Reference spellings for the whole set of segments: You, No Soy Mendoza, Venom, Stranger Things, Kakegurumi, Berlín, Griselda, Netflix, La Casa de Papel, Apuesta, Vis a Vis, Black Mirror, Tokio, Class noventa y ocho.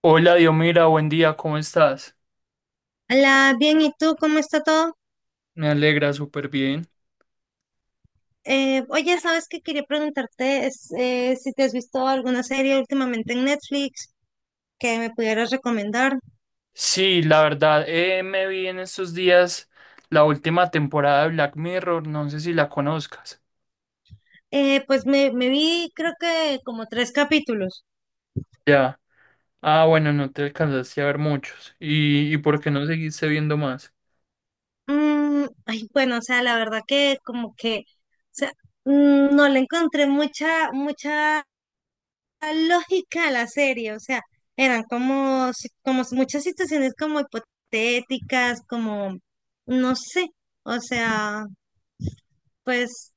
Hola, Diomira, buen día, ¿cómo estás? Hola, bien, ¿y tú cómo está todo? Me alegra súper bien. Oye, ¿sabes qué quería preguntarte? Si te has visto alguna serie últimamente en Netflix que me pudieras recomendar. Sí, la verdad, me vi en estos días la última temporada de Black Mirror, no sé si la conozcas. Pues me vi creo que como tres capítulos. Ya. Ah, bueno, no te alcanzaste a ver muchos. ¿Y por qué no seguiste viendo más? Ay, bueno, o sea, la verdad que como que, o sea, no le encontré mucha lógica a la serie, o sea, eran como, como muchas situaciones como hipotéticas, como, no sé, o sea... Pues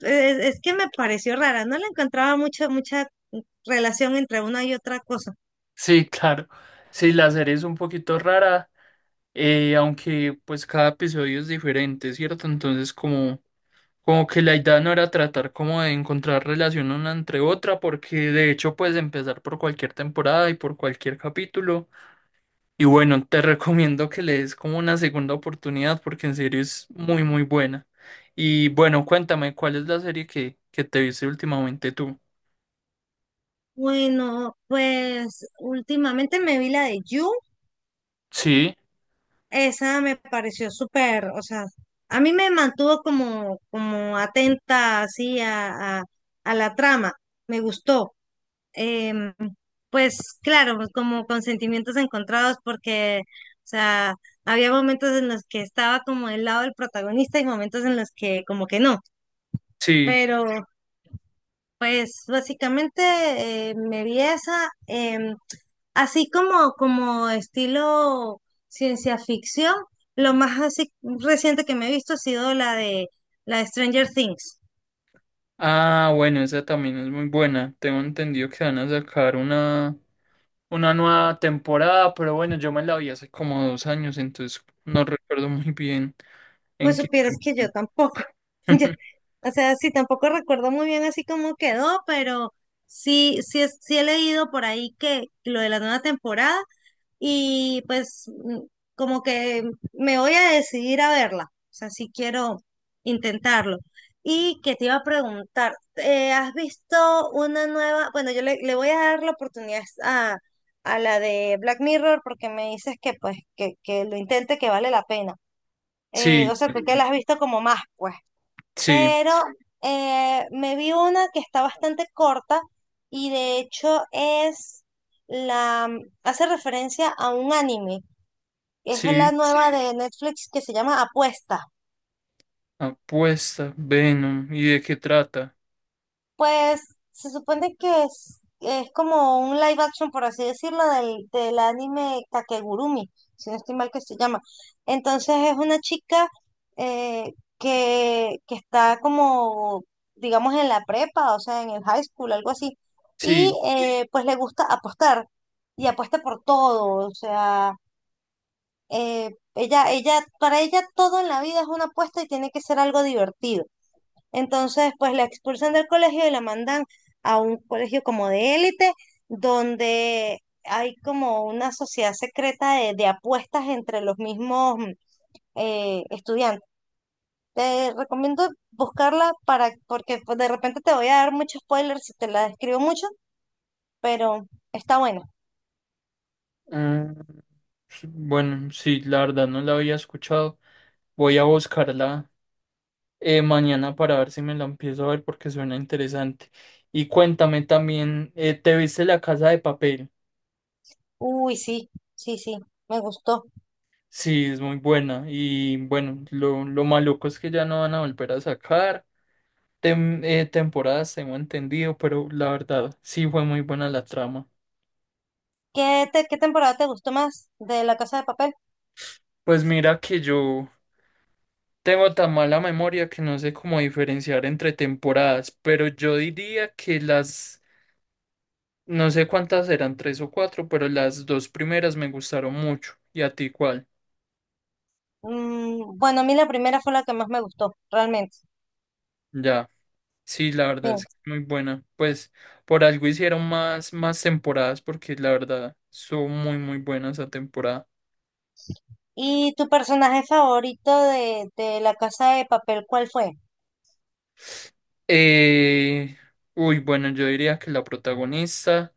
eh, es, que me pareció rara, no le encontraba mucha relación entre una y otra cosa. Sí, claro. Sí, la serie es un poquito rara, aunque pues cada episodio es diferente, ¿cierto? Entonces, como como que la idea no era tratar como de encontrar relación una entre otra, porque de hecho puedes empezar por cualquier temporada y por cualquier capítulo. Y bueno, te recomiendo que le des como una segunda oportunidad, porque en serio es muy, muy buena. Y bueno, cuéntame, ¿cuál es la serie que te viste últimamente tú? Bueno, pues últimamente me vi la de You, Sí, esa me pareció súper, o sea, a mí me mantuvo como, como atenta así a la trama, me gustó. Em, pues claro, pues, como con sentimientos encontrados porque, o sea, había momentos en los que estaba como del lado del protagonista y momentos en los que como que no. sí. Pero pues básicamente me vi esa, así como, como estilo ciencia ficción, lo más así reciente que me he visto ha sido la de Stranger Things. Ah, bueno, esa también es muy buena. Tengo entendido que van a sacar una nueva temporada, pero bueno, yo me la vi hace como 2 años, entonces no recuerdo muy bien. Pues ¿En qué supieras que yo termina? tampoco. yo- o sea, sí, tampoco recuerdo muy bien así cómo quedó, pero sí he leído por ahí que lo de la nueva temporada y pues como que me voy a decidir a verla, o sea, sí quiero intentarlo. Y que te iba a preguntar, ¿has visto una nueva? Bueno, yo le voy a dar la oportunidad a la de Black Mirror porque me dices que que lo intente, que vale la pena. O Sí, sea, tú que la has visto como más, pues sí, pero me vi una que está bastante corta y de hecho es la, hace referencia a un anime. Es sí. la nueva de Netflix que se llama Apuesta. Apuesta, Venom. ¿Y de qué trata? Pues se supone que es como un live action, por así decirlo, del anime Kakegurumi, si no estoy mal que se llama. Entonces es una chica eh, que está como, digamos, en la prepa, o sea, en el high school, algo así. Y Sí. Pues le gusta apostar, y apuesta por todo, o sea, eh, ella, para ella todo en la vida es una apuesta y tiene que ser algo divertido. Entonces, pues la expulsan del colegio y la mandan a un colegio como de élite, donde hay como una sociedad secreta de apuestas entre los mismos estudiantes. Te recomiendo buscarla para, porque pues, de repente te voy a dar muchos spoilers si te la describo mucho, pero está buena. Mm, bueno, sí, la verdad no la había escuchado. Voy a buscarla mañana para ver si me la empiezo a ver porque suena interesante. Y cuéntame también, ¿te viste La Casa de Papel? Uy, sí, sí, sí, me gustó. Sí, es muy buena. Y bueno, lo maluco es que ya no van a volver a sacar. Temporadas, tengo entendido, pero la verdad sí fue muy buena la trama. ¿Qué, qué temporada te gustó más de La Casa de Papel? Pues mira que yo tengo tan mala memoria que no sé cómo diferenciar entre temporadas, pero yo diría que las, no sé cuántas eran, tres o cuatro, pero las dos primeras me gustaron mucho. ¿Y a ti cuál? Bueno, a mí la primera fue la que más me gustó, realmente. Ya, sí, la verdad es que Sí. muy buena. Pues por algo hicieron más, más temporadas porque la verdad son muy, muy buenas esa temporada. ¿Y tu personaje favorito de La Casa de Papel, cuál fue? Eh, uy, bueno, yo diría que la protagonista,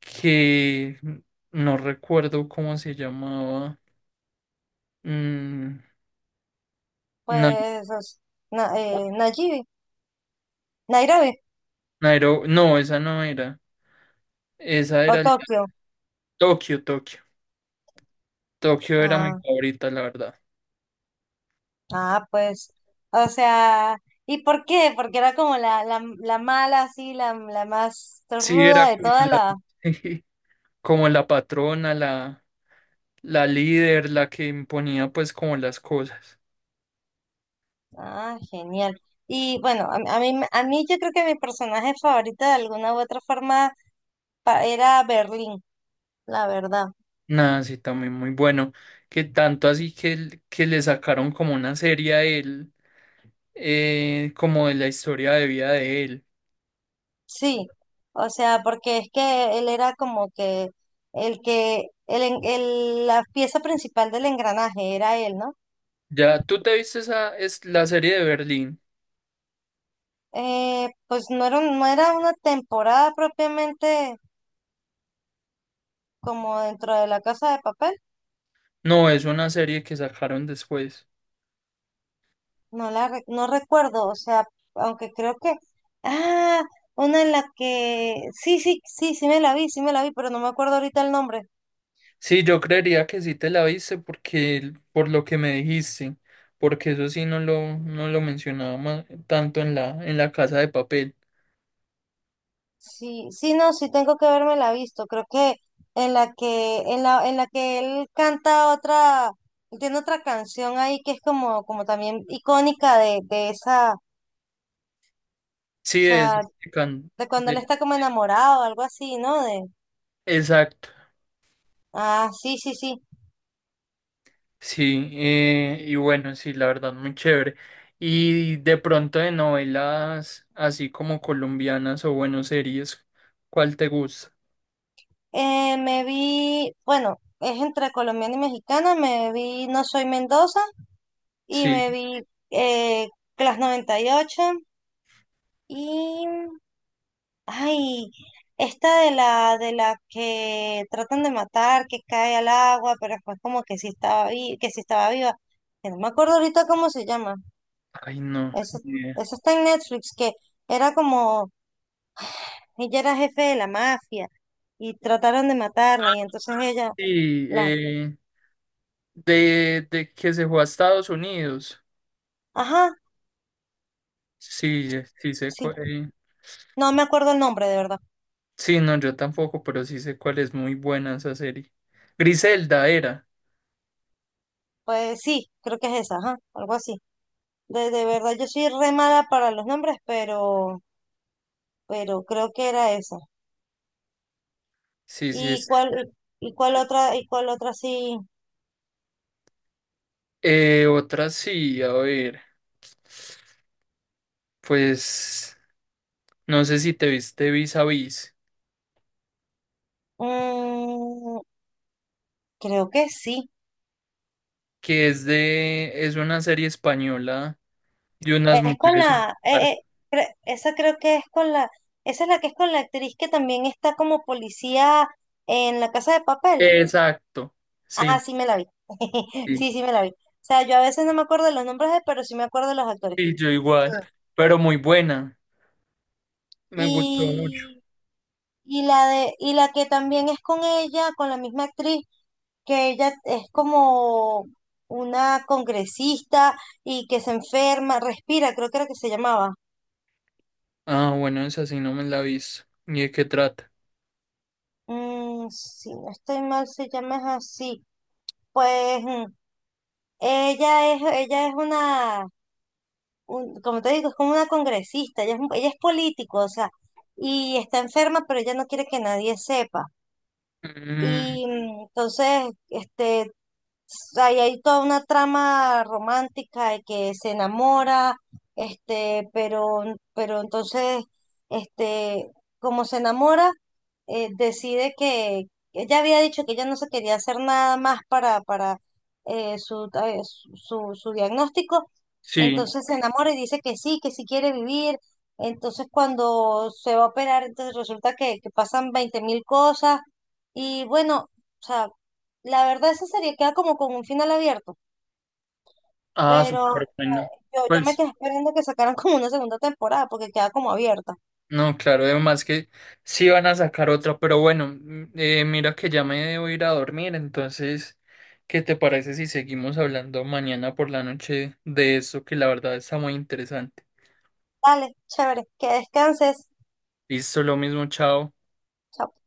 que no recuerdo cómo se llamaba. Mm, Na- Pues es Nayibi, Nairobi no, esa no era. Esa o era la- Tokio. Tokio, Tokio. Tokio era mi Ah, favorita, la verdad. ah, pues, o sea, ¿y por qué? Porque era como la mala, así, la más Sí, era ruda de como toda la, la... como la patrona, la líder, la que imponía pues como las cosas. Ah, genial. Y bueno, a mí yo creo que mi personaje favorito de alguna u otra forma era Berlín, la verdad. Nada, sí, también muy bueno. Que tanto así que le sacaron como una serie a él como de la historia de vida de él. Sí, o sea, porque es que él era como que la pieza principal del engranaje era él, ¿no? Ya, ¿tú te viste esa, es la serie de Berlín? Pues no era, no era una temporada propiamente como dentro de la Casa de Papel, No, es una serie que sacaron después. No recuerdo, o sea, aunque creo que, ah, una en la que, sí me la vi, sí me la vi, pero no me acuerdo ahorita el nombre. Sí, yo creería que sí te la viste porque, por lo que me dijiste, porque eso sí no lo mencionaba tanto en la Casa de Papel. Sí, sí, no, sí tengo que verme la visto. Creo que en la que él canta otra, tiene otra canción ahí que es como, como también icónica de esa, o Sí, es, de sea, Can- de cuando de- él está como enamorado, algo así, ¿no? De, exacto. ah, sí, sí, sí. Sí, y bueno, sí, la verdad, muy chévere. Y de pronto de novelas así como colombianas o bueno, series, ¿cuál te gusta? Me vi, bueno, es entre colombiana y mexicana, me vi No Soy Mendoza y Sí, me vi eh, Class 98 y ay, esta de la que tratan de matar, que cae al agua, pero después como que sí estaba que sí estaba viva. Que no me acuerdo ahorita cómo se llama. ay no. Eso, Ni idea. eso está en Netflix, que era como ella era jefe de la mafia y trataron de matarla y entonces ella Sí, la, de que se fue a Estados Unidos. ajá, Sí, sí sé sí. cuál. No me acuerdo el nombre de verdad. Sí, no, yo tampoco, pero sí sé cuál es muy buena esa serie. Griselda era. Pues sí, creo que es esa, ajá, algo así. De verdad yo soy re mala para los nombres, pero creo que era esa. Sí, sí ¿Y es. cuál, y cuál otra sí? Otra sí, a ver, pues no sé si te viste Vis a Vis, Mm, Creo que sí. que es de, es una serie española de unas Es con mujeres. la, esa creo que es con la, esa es la que es con la actriz que también está como policía en La Casa de Papel. Exacto, sí, Ah, sí me la vi. sí, Sí, sí me la vi. O sea, yo a veces no me acuerdo de los nombres, pero sí me acuerdo de los actores. sí, yo igual, Ah. pero muy buena, me gustó mucho. Y, y la de, y la que también es con ella, con la misma actriz, que ella es como una congresista y que se enferma, respira, creo que era que se llamaba. Ah, bueno, esa sí no me la he visto. ¿Y de qué trata? Si no estoy mal, se llama es así. Pues ella es una, como te digo, es como una congresista, ella es político, o sea, y está enferma, pero ella no quiere que nadie sepa. Mm, Y entonces, ahí hay toda una trama romántica de que se enamora, este, pero, pero entonces, este, como se enamora, decide que ella había dicho que ella no se quería hacer nada más para su diagnóstico, sí, entonces se enamora y dice que sí quiere vivir, entonces cuando se va a operar, entonces resulta que pasan 20.000 cosas y bueno, o sea, la verdad, esa serie queda como con un final abierto, ah, súper pero buena. Yo me Pues, quedé esperando que sacaran como una segunda temporada porque queda como abierta. no, claro, además que sí van a sacar otra, pero bueno, mm, mira que ya me debo ir a dormir, entonces, ¿qué te parece si seguimos hablando mañana por la noche de eso que la verdad está muy interesante? Dale, chévere, que descanses. Listo, lo mismo, chao. Chao.